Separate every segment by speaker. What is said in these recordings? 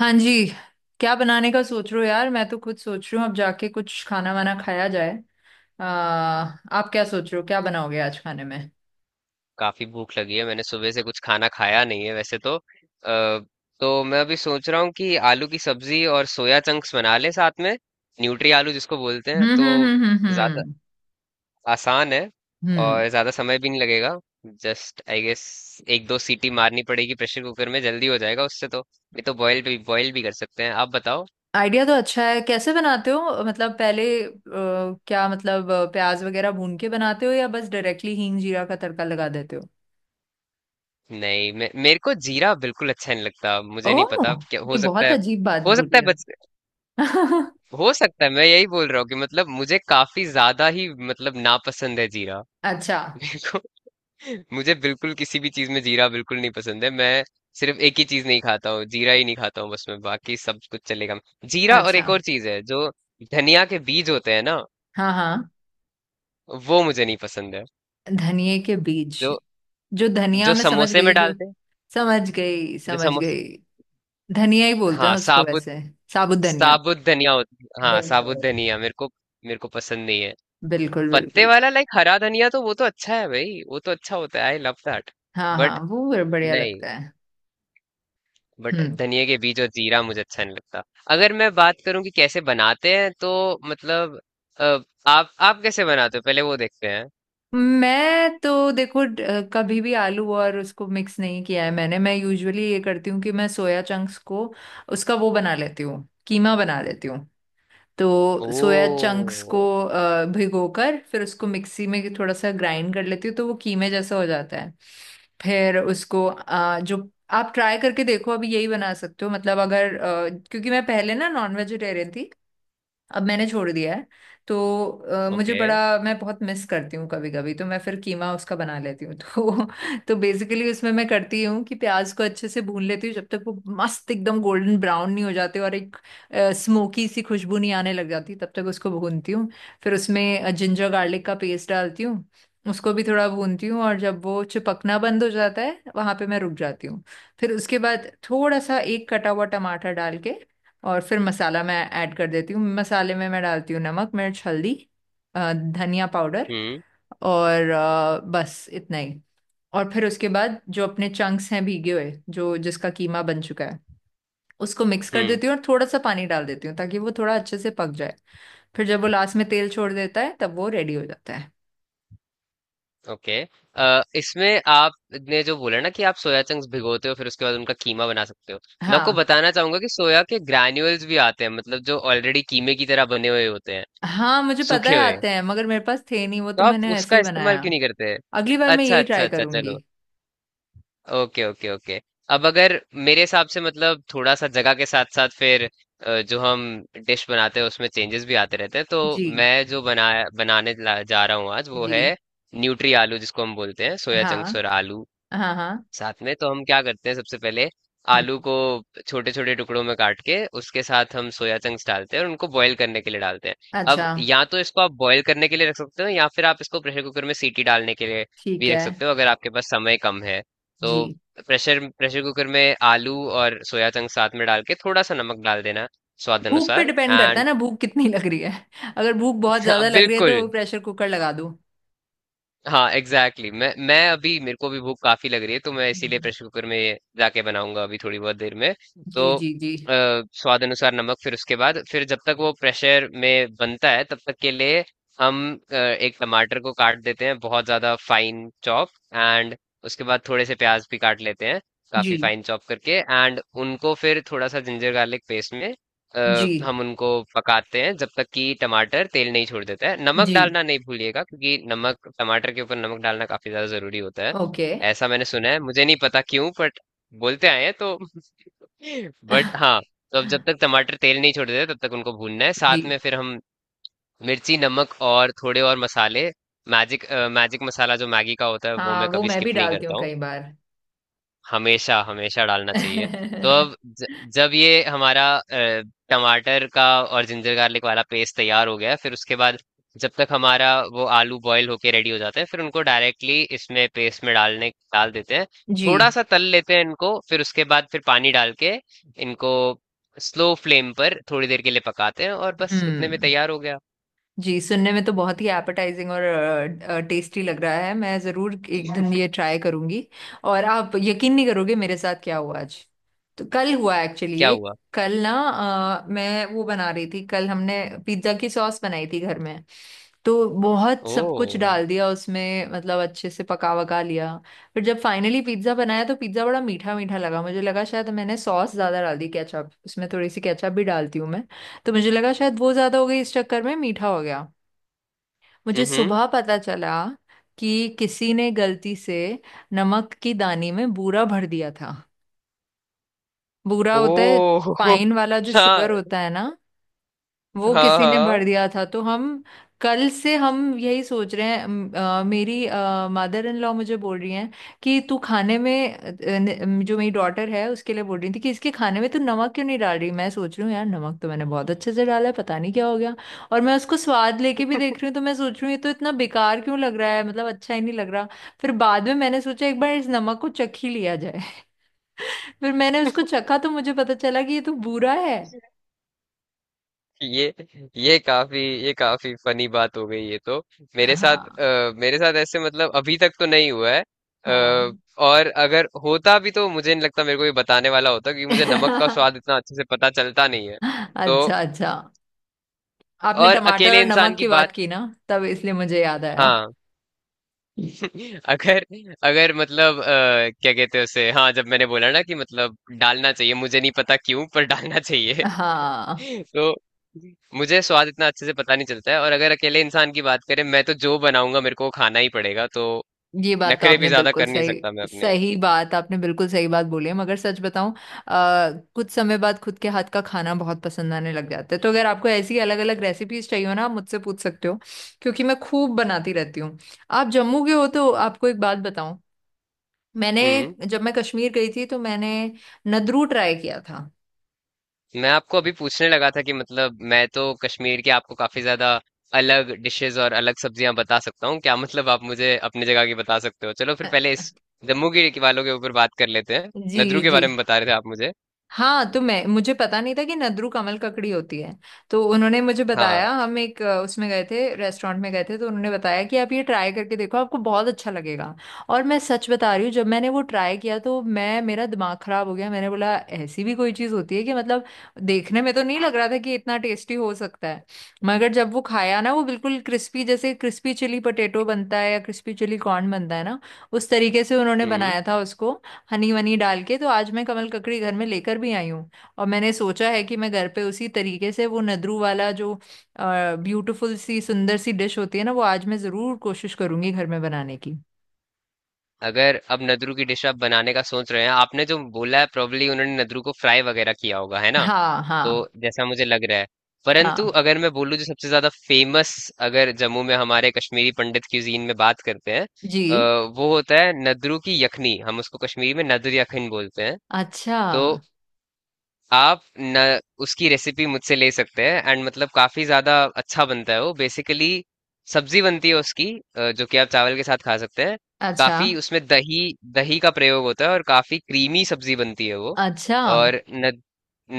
Speaker 1: हाँ जी। क्या बनाने का सोच रहे हो यार? मैं तो खुद सोच रही हूँ अब जाके कुछ खाना वाना खाया जाए। आप क्या सोच रहे हो, क्या बनाओगे आज खाने में?
Speaker 2: काफी भूख लगी है। मैंने सुबह से कुछ खाना खाया नहीं है वैसे। तो मैं अभी सोच रहा हूँ कि आलू की सब्जी और सोया चंक्स बना लें साथ में। न्यूट्री आलू जिसको बोलते हैं।
Speaker 1: हम्म,
Speaker 2: तो
Speaker 1: हम्म, हम्म, हम्म,
Speaker 2: ज्यादा
Speaker 1: हम्म,
Speaker 2: आसान है
Speaker 1: हम्म।
Speaker 2: और ज्यादा समय भी नहीं लगेगा। जस्ट आई गेस एक दो सीटी मारनी पड़ेगी प्रेशर कुकर में, जल्दी हो जाएगा उससे। तो नहीं तो बॉयल भी कर सकते हैं। आप बताओ।
Speaker 1: आइडिया तो अच्छा है। कैसे बनाते हो, मतलब पहले क्या मतलब प्याज वगैरह भून के बनाते हो या बस डायरेक्टली हींग जीरा का तड़का लगा देते हो?
Speaker 2: नहीं, मेरे को जीरा बिल्कुल अच्छा नहीं लगता। मुझे नहीं
Speaker 1: ओह,
Speaker 2: पता क्या हो
Speaker 1: ये
Speaker 2: सकता
Speaker 1: बहुत
Speaker 2: है।
Speaker 1: अजीब बात
Speaker 2: हो सकता है
Speaker 1: बोली आप।
Speaker 2: बच हो सकता है। मैं यही बोल रहा हूँ कि मतलब मुझे काफी ज्यादा ही मतलब नापसंद है जीरा।
Speaker 1: अच्छा
Speaker 2: मेरे को मुझे बिल्कुल किसी भी चीज में जीरा बिल्कुल नहीं पसंद है। मैं सिर्फ एक ही चीज नहीं खाता हूँ, जीरा ही नहीं खाता हूँ बस। मैं बाकी सब कुछ चलेगा। जीरा और एक
Speaker 1: अच्छा।
Speaker 2: और चीज है जो धनिया के बीज होते हैं ना,
Speaker 1: हाँ हाँ।
Speaker 2: वो मुझे नहीं पसंद है।
Speaker 1: धनिए के बीज
Speaker 2: जो
Speaker 1: जो धनिया
Speaker 2: जो
Speaker 1: में, समझ
Speaker 2: समोसे में
Speaker 1: गई। जो
Speaker 2: डालते हैं।
Speaker 1: समझ गई,
Speaker 2: जो
Speaker 1: समझ
Speaker 2: समोसे
Speaker 1: गई। धनिया ही बोलते हैं
Speaker 2: हाँ,
Speaker 1: उसको
Speaker 2: साबुत।
Speaker 1: वैसे। साबुत धनिया।
Speaker 2: साबुत धनिया होती है, हाँ साबुत
Speaker 1: बिल्कुल
Speaker 2: धनिया मेरे को पसंद नहीं है।
Speaker 1: बिल्कुल
Speaker 2: पत्ते
Speaker 1: बिल्कुल।
Speaker 2: वाला, लाइक हरा धनिया, तो वो तो अच्छा है भाई, वो तो अच्छा होता है, आई लव दैट।
Speaker 1: हाँ
Speaker 2: बट
Speaker 1: हाँ, वो बढ़िया
Speaker 2: नहीं
Speaker 1: लगता है।
Speaker 2: बट
Speaker 1: हम्म।
Speaker 2: धनिया के बीज और जीरा मुझे अच्छा नहीं लगता। अगर मैं बात करूं कि कैसे बनाते हैं तो मतलब अ, आप कैसे बनाते हो पहले वो देखते हैं।
Speaker 1: मैं तो देखो, कभी भी आलू और उसको मिक्स नहीं किया है मैंने। मैं यूजुअली ये करती हूँ कि मैं सोया चंक्स को, उसका वो बना लेती हूँ, कीमा बना लेती हूँ। तो सोया
Speaker 2: ओ।
Speaker 1: चंक्स को भिगोकर फिर उसको मिक्सी में थोड़ा सा ग्राइंड कर लेती हूँ तो वो कीमे जैसा हो जाता है। फिर उसको अ, जो आप ट्राई करके देखो, अभी यही बना सकते हो, मतलब अगर क्योंकि मैं पहले ना नॉन वेजिटेरियन थी, अब मैंने छोड़ दिया है। तो मुझे
Speaker 2: ओके।
Speaker 1: बड़ा, मैं बहुत मिस करती हूँ कभी कभी तो मैं फिर कीमा उसका बना लेती हूँ। तो बेसिकली उसमें मैं करती हूँ कि प्याज को अच्छे से भून लेती हूँ जब तक वो मस्त एकदम गोल्डन ब्राउन नहीं हो जाते और एक स्मोकी सी खुशबू नहीं आने लग जाती, तब तक उसको भूनती हूँ। फिर उसमें जिंजर गार्लिक का पेस्ट डालती हूँ, उसको भी थोड़ा भूनती हूँ, और जब वो चिपकना बंद हो जाता है वहां पे मैं रुक जाती हूँ। फिर उसके बाद थोड़ा सा एक कटा हुआ टमाटर डाल के और फिर मसाला मैं ऐड कर देती हूँ। मसाले में मैं डालती हूँ नमक, मिर्च, हल्दी, धनिया पाउडर,
Speaker 2: हम्म
Speaker 1: और बस इतना ही। और फिर उसके बाद जो अपने चंक्स हैं भीगे हुए, जो जिसका कीमा बन चुका है, उसको मिक्स कर
Speaker 2: हम्म।
Speaker 1: देती हूँ और थोड़ा सा पानी डाल देती हूँ ताकि वो थोड़ा अच्छे से पक जाए। फिर जब वो लास्ट में तेल छोड़ देता है तब वो रेडी हो जाता है।
Speaker 2: इसमें आपने जो बोला ना कि आप सोया चंक्स भिगोते हो फिर उसके बाद उनका कीमा बना सकते हो। मैं आपको
Speaker 1: हाँ
Speaker 2: बताना चाहूंगा कि सोया के ग्रैन्यूल्स भी आते हैं, मतलब जो ऑलरेडी कीमे की तरह बने हुए होते हैं,
Speaker 1: हाँ मुझे पता
Speaker 2: सूखे
Speaker 1: है,
Speaker 2: हुए।
Speaker 1: आते हैं, मगर मेरे पास थे नहीं वो,
Speaker 2: तो
Speaker 1: तो
Speaker 2: आप
Speaker 1: मैंने ऐसे
Speaker 2: उसका
Speaker 1: ही
Speaker 2: इस्तेमाल
Speaker 1: बनाया।
Speaker 2: क्यों नहीं करते?
Speaker 1: अगली बार मैं
Speaker 2: अच्छा
Speaker 1: यही
Speaker 2: अच्छा
Speaker 1: ट्राई
Speaker 2: अच्छा,
Speaker 1: करूंगी।
Speaker 2: चलो। Okay okay okay. अब अगर मेरे हिसाब से मतलब थोड़ा सा जगह के साथ साथ फिर जो हम डिश बनाते हैं उसमें चेंजेस भी आते रहते हैं। तो
Speaker 1: जी
Speaker 2: मैं जो जा रहा हूँ आज, वो
Speaker 1: जी।
Speaker 2: है न्यूट्री आलू जिसको हम बोलते हैं, सोया चंक्स
Speaker 1: हाँ
Speaker 2: और आलू
Speaker 1: हाँ हाँ।
Speaker 2: साथ में। तो हम क्या करते हैं, सबसे पहले
Speaker 1: हम्म।
Speaker 2: आलू को छोटे छोटे टुकड़ों में काट के उसके साथ हम सोया चंक्स डालते हैं और उनको बॉईल करने के लिए डालते हैं।
Speaker 1: अच्छा।
Speaker 2: अब या तो इसको आप बॉईल करने के लिए रख सकते हो, या फिर आप इसको प्रेशर कुकर में सीटी डालने के लिए भी
Speaker 1: ठीक
Speaker 2: रख
Speaker 1: है।
Speaker 2: सकते हो अगर आपके पास समय कम है।
Speaker 1: जी।
Speaker 2: तो प्रेशर प्रेशर कुकर में आलू और सोया चंक्स साथ में डाल के थोड़ा सा नमक डाल देना, स्वाद
Speaker 1: भूख पे
Speaker 2: अनुसार,
Speaker 1: डिपेंड करता है
Speaker 2: एंड
Speaker 1: ना, भूख कितनी लग रही है। अगर भूख बहुत ज्यादा लग रही है
Speaker 2: बिल्कुल।
Speaker 1: तो प्रेशर कुकर लगा दो।
Speaker 2: हाँ एग्जैक्टली exactly। मैं अभी, मेरे को भी भूख काफी लग रही है, तो मैं इसीलिए
Speaker 1: हम्म,
Speaker 2: प्रेशर कुकर में ये जाके बनाऊंगा अभी थोड़ी बहुत देर में।
Speaker 1: जी
Speaker 2: तो अ,
Speaker 1: जी जी,
Speaker 2: स्वाद अनुसार नमक, फिर उसके बाद, फिर जब तक वो प्रेशर में बनता है तब तक के लिए हम एक टमाटर को काट देते हैं बहुत ज्यादा फाइन चॉप एंड उसके बाद थोड़े से प्याज भी काट लेते हैं
Speaker 1: जी
Speaker 2: काफी फाइन चॉप करके। एंड उनको फिर थोड़ा सा जिंजर गार्लिक पेस्ट में
Speaker 1: जी
Speaker 2: हम उनको पकाते हैं जब तक कि टमाटर तेल नहीं छोड़ देता है। नमक
Speaker 1: जी।
Speaker 2: डालना नहीं भूलिएगा क्योंकि नमक, टमाटर के ऊपर नमक डालना काफी ज्यादा जरूरी होता है।
Speaker 1: ओके।
Speaker 2: ऐसा मैंने सुना है, मुझे नहीं पता क्यों, बट बोलते आए हैं तो बट हाँ। तो अब जब तक टमाटर तेल नहीं छोड़ देता तब तक उनको भूनना है। साथ
Speaker 1: जी।
Speaker 2: में फिर हम मिर्ची, नमक और थोड़े और मसाले, मैजिक मैजिक मसाला जो मैगी का होता है वो
Speaker 1: हाँ,
Speaker 2: मैं
Speaker 1: वो
Speaker 2: कभी
Speaker 1: मैं भी
Speaker 2: स्किप नहीं
Speaker 1: डालती हूँ
Speaker 2: करता हूँ,
Speaker 1: कई बार।
Speaker 2: हमेशा हमेशा डालना चाहिए। तो अब जब ये हमारा टमाटर का और जिंजर गार्लिक वाला पेस्ट तैयार हो गया है, फिर उसके बाद जब तक हमारा वो आलू बॉईल होके रेडी हो जाते हैं, फिर उनको डायरेक्टली इसमें पेस्ट में डाल देते हैं।
Speaker 1: जी।
Speaker 2: थोड़ा सा तल लेते हैं इनको, फिर उसके बाद फिर पानी डाल के इनको स्लो फ्लेम पर थोड़ी देर के लिए पकाते हैं और बस उतने में
Speaker 1: हम्म।
Speaker 2: तैयार हो गया।
Speaker 1: जी, सुनने में तो बहुत ही एपेटाइजिंग और टेस्टी लग रहा है। मैं ज़रूर एक दिन ये ट्राई करूंगी। और आप यकीन नहीं करोगे मेरे साथ क्या हुआ आज, तो कल हुआ एक्चुअली
Speaker 2: क्या
Speaker 1: ये।
Speaker 2: हुआ?
Speaker 1: कल ना मैं वो बना रही थी, कल हमने पिज्ज़ा की सॉस बनाई थी घर में। तो बहुत सब कुछ
Speaker 2: ओ।
Speaker 1: डाल दिया उसमें, मतलब अच्छे से पका वका लिया। फिर जब फाइनली पिज्ज़ा बनाया तो पिज्ज़ा बड़ा मीठा मीठा लगा। मुझे लगा शायद मैंने सॉस ज़्यादा डाल दी, केचप उसमें थोड़ी सी केचप भी डालती हूँ मैं, तो मुझे लगा शायद वो ज्यादा हो गई, इस चक्कर में मीठा हो गया। मुझे
Speaker 2: हम्म।
Speaker 1: सुबह पता चला कि किसी ने गलती से नमक की दानी में बूरा भर दिया था। बूरा होता है
Speaker 2: ओ।
Speaker 1: फाइन वाला जो
Speaker 2: हाँ
Speaker 1: शुगर होता है ना, वो
Speaker 2: हाँ
Speaker 1: किसी ने भर
Speaker 2: हाँ।
Speaker 1: दिया था। तो हम कल से हम यही सोच रहे हैं। मेरी मदर इन लॉ मुझे बोल रही हैं कि तू खाने में जो मेरी डॉटर है उसके लिए बोल रही थी कि इसके खाने में तू नमक क्यों नहीं डाल रही। मैं सोच रही हूँ यार नमक तो मैंने बहुत अच्छे से डाला है, पता नहीं क्या हो गया। और मैं उसको स्वाद लेके भी देख रही हूँ तो मैं सोच रही हूँ ये तो इतना बेकार क्यों लग रहा है, मतलब अच्छा ही नहीं लग रहा। फिर बाद में मैंने सोचा एक बार इस नमक को चख ही लिया जाए। फिर मैंने उसको चखा तो मुझे पता चला कि ये तो बुरा है।
Speaker 2: ये ये काफी ये काफी फनी बात हो गई ये तो। मेरे साथ
Speaker 1: हाँ
Speaker 2: मेरे साथ ऐसे मतलब अभी तक तो नहीं हुआ है। अ,
Speaker 1: हाँ।
Speaker 2: और अगर होता भी तो मुझे नहीं लगता मेरे को ये बताने वाला होता, क्योंकि मुझे नमक का स्वाद इतना अच्छे से पता चलता नहीं है। तो
Speaker 1: अच्छा अच्छा। आपने
Speaker 2: और
Speaker 1: टमाटर
Speaker 2: अकेले
Speaker 1: और
Speaker 2: इंसान
Speaker 1: नमक
Speaker 2: की
Speaker 1: की
Speaker 2: बात,
Speaker 1: बात की ना, तब इसलिए मुझे याद आया।
Speaker 2: हाँ। अगर अगर मतलब क्या कहते हैं उसे, हाँ, जब मैंने बोला ना कि मतलब डालना चाहिए, मुझे नहीं पता क्यों पर डालना चाहिए।
Speaker 1: हाँ,
Speaker 2: तो मुझे स्वाद इतना अच्छे से पता नहीं चलता है, और अगर अकेले इंसान की बात करें, मैं तो जो बनाऊंगा मेरे को वो खाना ही पड़ेगा, तो
Speaker 1: ये बात तो
Speaker 2: नखरे भी
Speaker 1: आपने
Speaker 2: ज्यादा
Speaker 1: बिल्कुल
Speaker 2: कर नहीं सकता मैं
Speaker 1: सही,
Speaker 2: अपने।
Speaker 1: सही बात आपने बिल्कुल सही बात बोली है, मगर सच बताऊं कुछ समय बाद खुद के हाथ का खाना बहुत पसंद आने लग जाता है। तो अगर आपको ऐसी अलग अलग रेसिपीज चाहिए हो ना आप मुझसे पूछ सकते हो, क्योंकि मैं खूब बनाती रहती हूँ। आप जम्मू के हो तो आपको एक बात बताऊं। मैंने
Speaker 2: हम्म।
Speaker 1: जब मैं कश्मीर गई थी तो मैंने नदरू ट्राई किया था।
Speaker 2: मैं आपको अभी पूछने लगा था कि मतलब मैं तो कश्मीर की आपको काफी ज्यादा अलग डिशेस और अलग सब्जियां बता सकता हूँ। क्या मतलब आप मुझे अपनी जगह की बता सकते हो? चलो फिर पहले इस जम्मू के वालों के ऊपर बात कर लेते हैं।
Speaker 1: जी
Speaker 2: नदरू के
Speaker 1: जी।
Speaker 2: बारे में बता रहे थे आप मुझे।
Speaker 1: हाँ, तो मैं, मुझे पता नहीं था कि नद्रू कमल ककड़ी होती है। तो उन्होंने मुझे बताया,
Speaker 2: हाँ।
Speaker 1: हम एक उसमें गए थे, रेस्टोरेंट में गए थे, तो उन्होंने बताया कि आप ये ट्राई करके देखो, आपको बहुत अच्छा लगेगा। और मैं सच बता रही हूँ, जब मैंने वो ट्राई किया तो मैं, मेरा दिमाग खराब हो गया। मैंने बोला ऐसी भी कोई चीज़ होती है, कि मतलब देखने में तो नहीं लग रहा था कि इतना टेस्टी हो सकता है। मगर जब वो खाया ना, वो बिल्कुल क्रिस्पी, जैसे क्रिस्पी चिली पोटैटो बनता है या क्रिस्पी चिली कॉर्न बनता है ना, उस तरीके से उन्होंने
Speaker 2: हम्म।
Speaker 1: बनाया था उसको, हनी वनी डाल के। तो आज मैं कमल ककड़ी घर में लेकर भी आई हूँ, और मैंने सोचा है कि मैं घर पे उसी तरीके से वो नदरू वाला जो ब्यूटीफुल सी सुंदर सी डिश होती है ना, वो आज मैं जरूर कोशिश करूंगी घर में बनाने की।
Speaker 2: अगर अब नदरू की डिश आप बनाने का सोच रहे हैं, आपने जो बोला है प्रोबली उन्होंने नदरू को फ्राई वगैरह किया होगा, है ना?
Speaker 1: हाँ
Speaker 2: तो
Speaker 1: हाँ
Speaker 2: जैसा मुझे लग रहा है, परंतु
Speaker 1: हाँ।
Speaker 2: अगर मैं बोलूँ जो सबसे ज्यादा फेमस, अगर जम्मू में हमारे कश्मीरी पंडित क्यूजीन में बात करते हैं, अ,
Speaker 1: जी।
Speaker 2: वो होता है नदरू की यखनी, हम उसको कश्मीरी में नदर यखन बोलते हैं।
Speaker 1: अच्छा
Speaker 2: तो आप न उसकी रेसिपी मुझसे ले सकते हैं एंड मतलब काफी ज्यादा अच्छा बनता है वो। बेसिकली सब्जी बनती है उसकी, जो कि आप चावल के साथ खा सकते हैं।
Speaker 1: अच्छा
Speaker 2: काफी उसमें दही दही का प्रयोग होता है और काफी क्रीमी सब्जी बनती है वो।
Speaker 1: अच्छा।
Speaker 2: और न,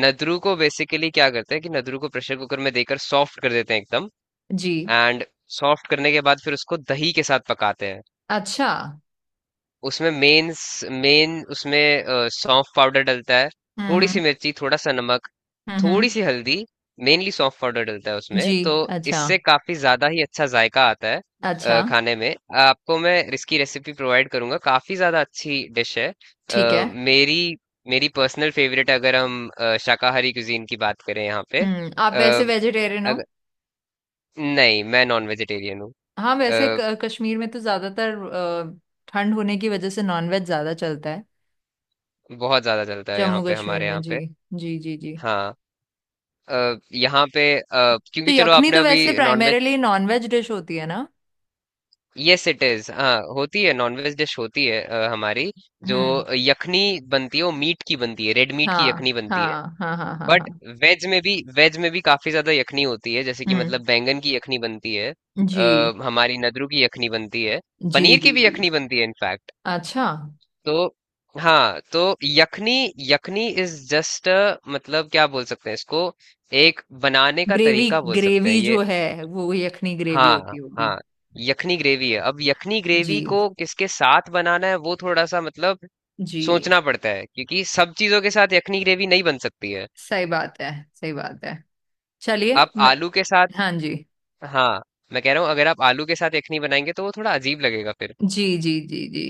Speaker 2: नदरू को बेसिकली क्या करते हैं कि नदरू को प्रेशर कुकर में देकर सॉफ्ट कर देते हैं एकदम।
Speaker 1: जी।
Speaker 2: एंड सॉफ्ट करने के बाद फिर उसको दही के साथ पकाते हैं।
Speaker 1: अच्छा।
Speaker 2: उसमें मेन उसमें सौंफ पाउडर डलता है, थोड़ी सी
Speaker 1: हम्म
Speaker 2: मिर्ची, थोड़ा सा नमक, थोड़ी
Speaker 1: हम्म।
Speaker 2: सी हल्दी। मेनली सौंफ पाउडर डलता है उसमें
Speaker 1: जी।
Speaker 2: तो।
Speaker 1: अच्छा
Speaker 2: इससे काफी ज्यादा ही अच्छा जायका आता है
Speaker 1: अच्छा।
Speaker 2: खाने में। आपको मैं इसकी रेसिपी प्रोवाइड करूंगा, काफी ज्यादा अच्छी डिश है।
Speaker 1: ठीक है।
Speaker 2: अ, मेरी मेरी पर्सनल फेवरेट, अगर हम शाकाहारी कुजीन की बात करें यहाँ पे। अ,
Speaker 1: हम्म। आप वैसे वेजिटेरियन हो?
Speaker 2: अगर, नहीं, मैं नॉन वेजिटेरियन हूँ।
Speaker 1: हाँ, वैसे
Speaker 2: अ,
Speaker 1: कश्मीर में तो ज्यादातर ठंड होने की वजह से नॉनवेज ज्यादा चलता है।
Speaker 2: बहुत ज्यादा चलता है यहाँ
Speaker 1: जम्मू
Speaker 2: पे,
Speaker 1: कश्मीर
Speaker 2: हमारे
Speaker 1: में।
Speaker 2: यहाँ
Speaker 1: जी
Speaker 2: पे।
Speaker 1: जी जी जी।
Speaker 2: हाँ।
Speaker 1: तो
Speaker 2: क्योंकि चलो
Speaker 1: यखनी
Speaker 2: आपने
Speaker 1: तो
Speaker 2: अभी
Speaker 1: वैसे
Speaker 2: नॉनवेज,
Speaker 1: प्राइमरीली नॉनवेज डिश होती है ना।
Speaker 2: यस इट इज, हाँ होती है नॉनवेज डिश होती है हमारी। जो
Speaker 1: हम्म।
Speaker 2: यखनी बनती है वो मीट की बनती है, रेड मीट की
Speaker 1: हाँ
Speaker 2: यखनी बनती है।
Speaker 1: हाँ हाँ हाँ हाँ
Speaker 2: बट
Speaker 1: हाँ।
Speaker 2: वेज में भी काफी ज्यादा यखनी होती है, जैसे कि
Speaker 1: हम्म।
Speaker 2: मतलब बैंगन की यखनी बनती है,
Speaker 1: जी
Speaker 2: हमारी नदरू की यखनी बनती है,
Speaker 1: जी
Speaker 2: पनीर की
Speaker 1: जी
Speaker 2: भी
Speaker 1: जी।
Speaker 2: यखनी बनती है इनफैक्ट।
Speaker 1: अच्छा।
Speaker 2: तो हाँ, तो यखनी यखनी इज जस्ट, मतलब क्या बोल सकते हैं इसको, एक बनाने का
Speaker 1: ग्रेवी,
Speaker 2: तरीका बोल सकते हैं
Speaker 1: ग्रेवी
Speaker 2: ये।
Speaker 1: जो है वो यखनी ग्रेवी
Speaker 2: हाँ,
Speaker 1: होती होगी।
Speaker 2: हाँ, यखनी ग्रेवी है। अब यखनी ग्रेवी
Speaker 1: जी
Speaker 2: को किसके साथ बनाना है वो थोड़ा सा मतलब
Speaker 1: जी।
Speaker 2: सोचना पड़ता है, क्योंकि सब चीजों के साथ यखनी ग्रेवी नहीं बन सकती है।
Speaker 1: सही बात है, सही बात है। चलिए
Speaker 2: आप
Speaker 1: मैं
Speaker 2: आलू के साथ,
Speaker 1: हाँ जी।
Speaker 2: हाँ, मैं कह रहा हूँ अगर आप आलू के साथ यखनी बनाएंगे तो वो थोड़ा अजीब लगेगा फिर।
Speaker 1: जी जी जी जी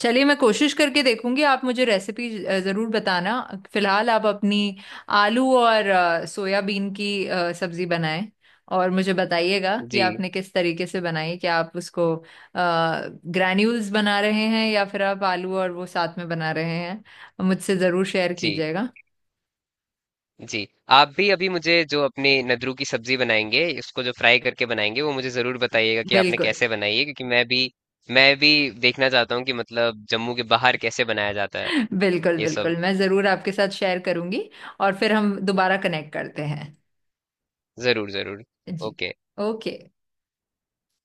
Speaker 1: चलिए मैं कोशिश करके देखूंगी। आप मुझे रेसिपी जरूर बताना। फिलहाल आप अपनी आलू और सोयाबीन की सब्जी बनाएं। और मुझे बताइएगा कि
Speaker 2: जी,
Speaker 1: आपने किस तरीके से बनाई, क्या आप उसको ग्रैन्यूल्स बना रहे हैं या फिर आप आलू और वो साथ में बना रहे हैं, मुझसे जरूर शेयर
Speaker 2: जी,
Speaker 1: कीजिएगा।
Speaker 2: जी। आप भी अभी मुझे जो अपने नद्रू की सब्जी बनाएंगे, इसको जो फ्राई करके बनाएंगे, वो मुझे जरूर बताइएगा कि आपने
Speaker 1: बिल्कुल।
Speaker 2: कैसे बनाई है, क्योंकि मैं भी देखना चाहता हूँ कि मतलब जम्मू के बाहर कैसे बनाया जाता है
Speaker 1: बिल्कुल
Speaker 2: ये सब।
Speaker 1: बिल्कुल, मैं जरूर आपके साथ शेयर करूंगी। और फिर हम दोबारा कनेक्ट करते हैं।
Speaker 2: ज़रूर, ज़रूर।
Speaker 1: जी।
Speaker 2: ओके।
Speaker 1: ओके।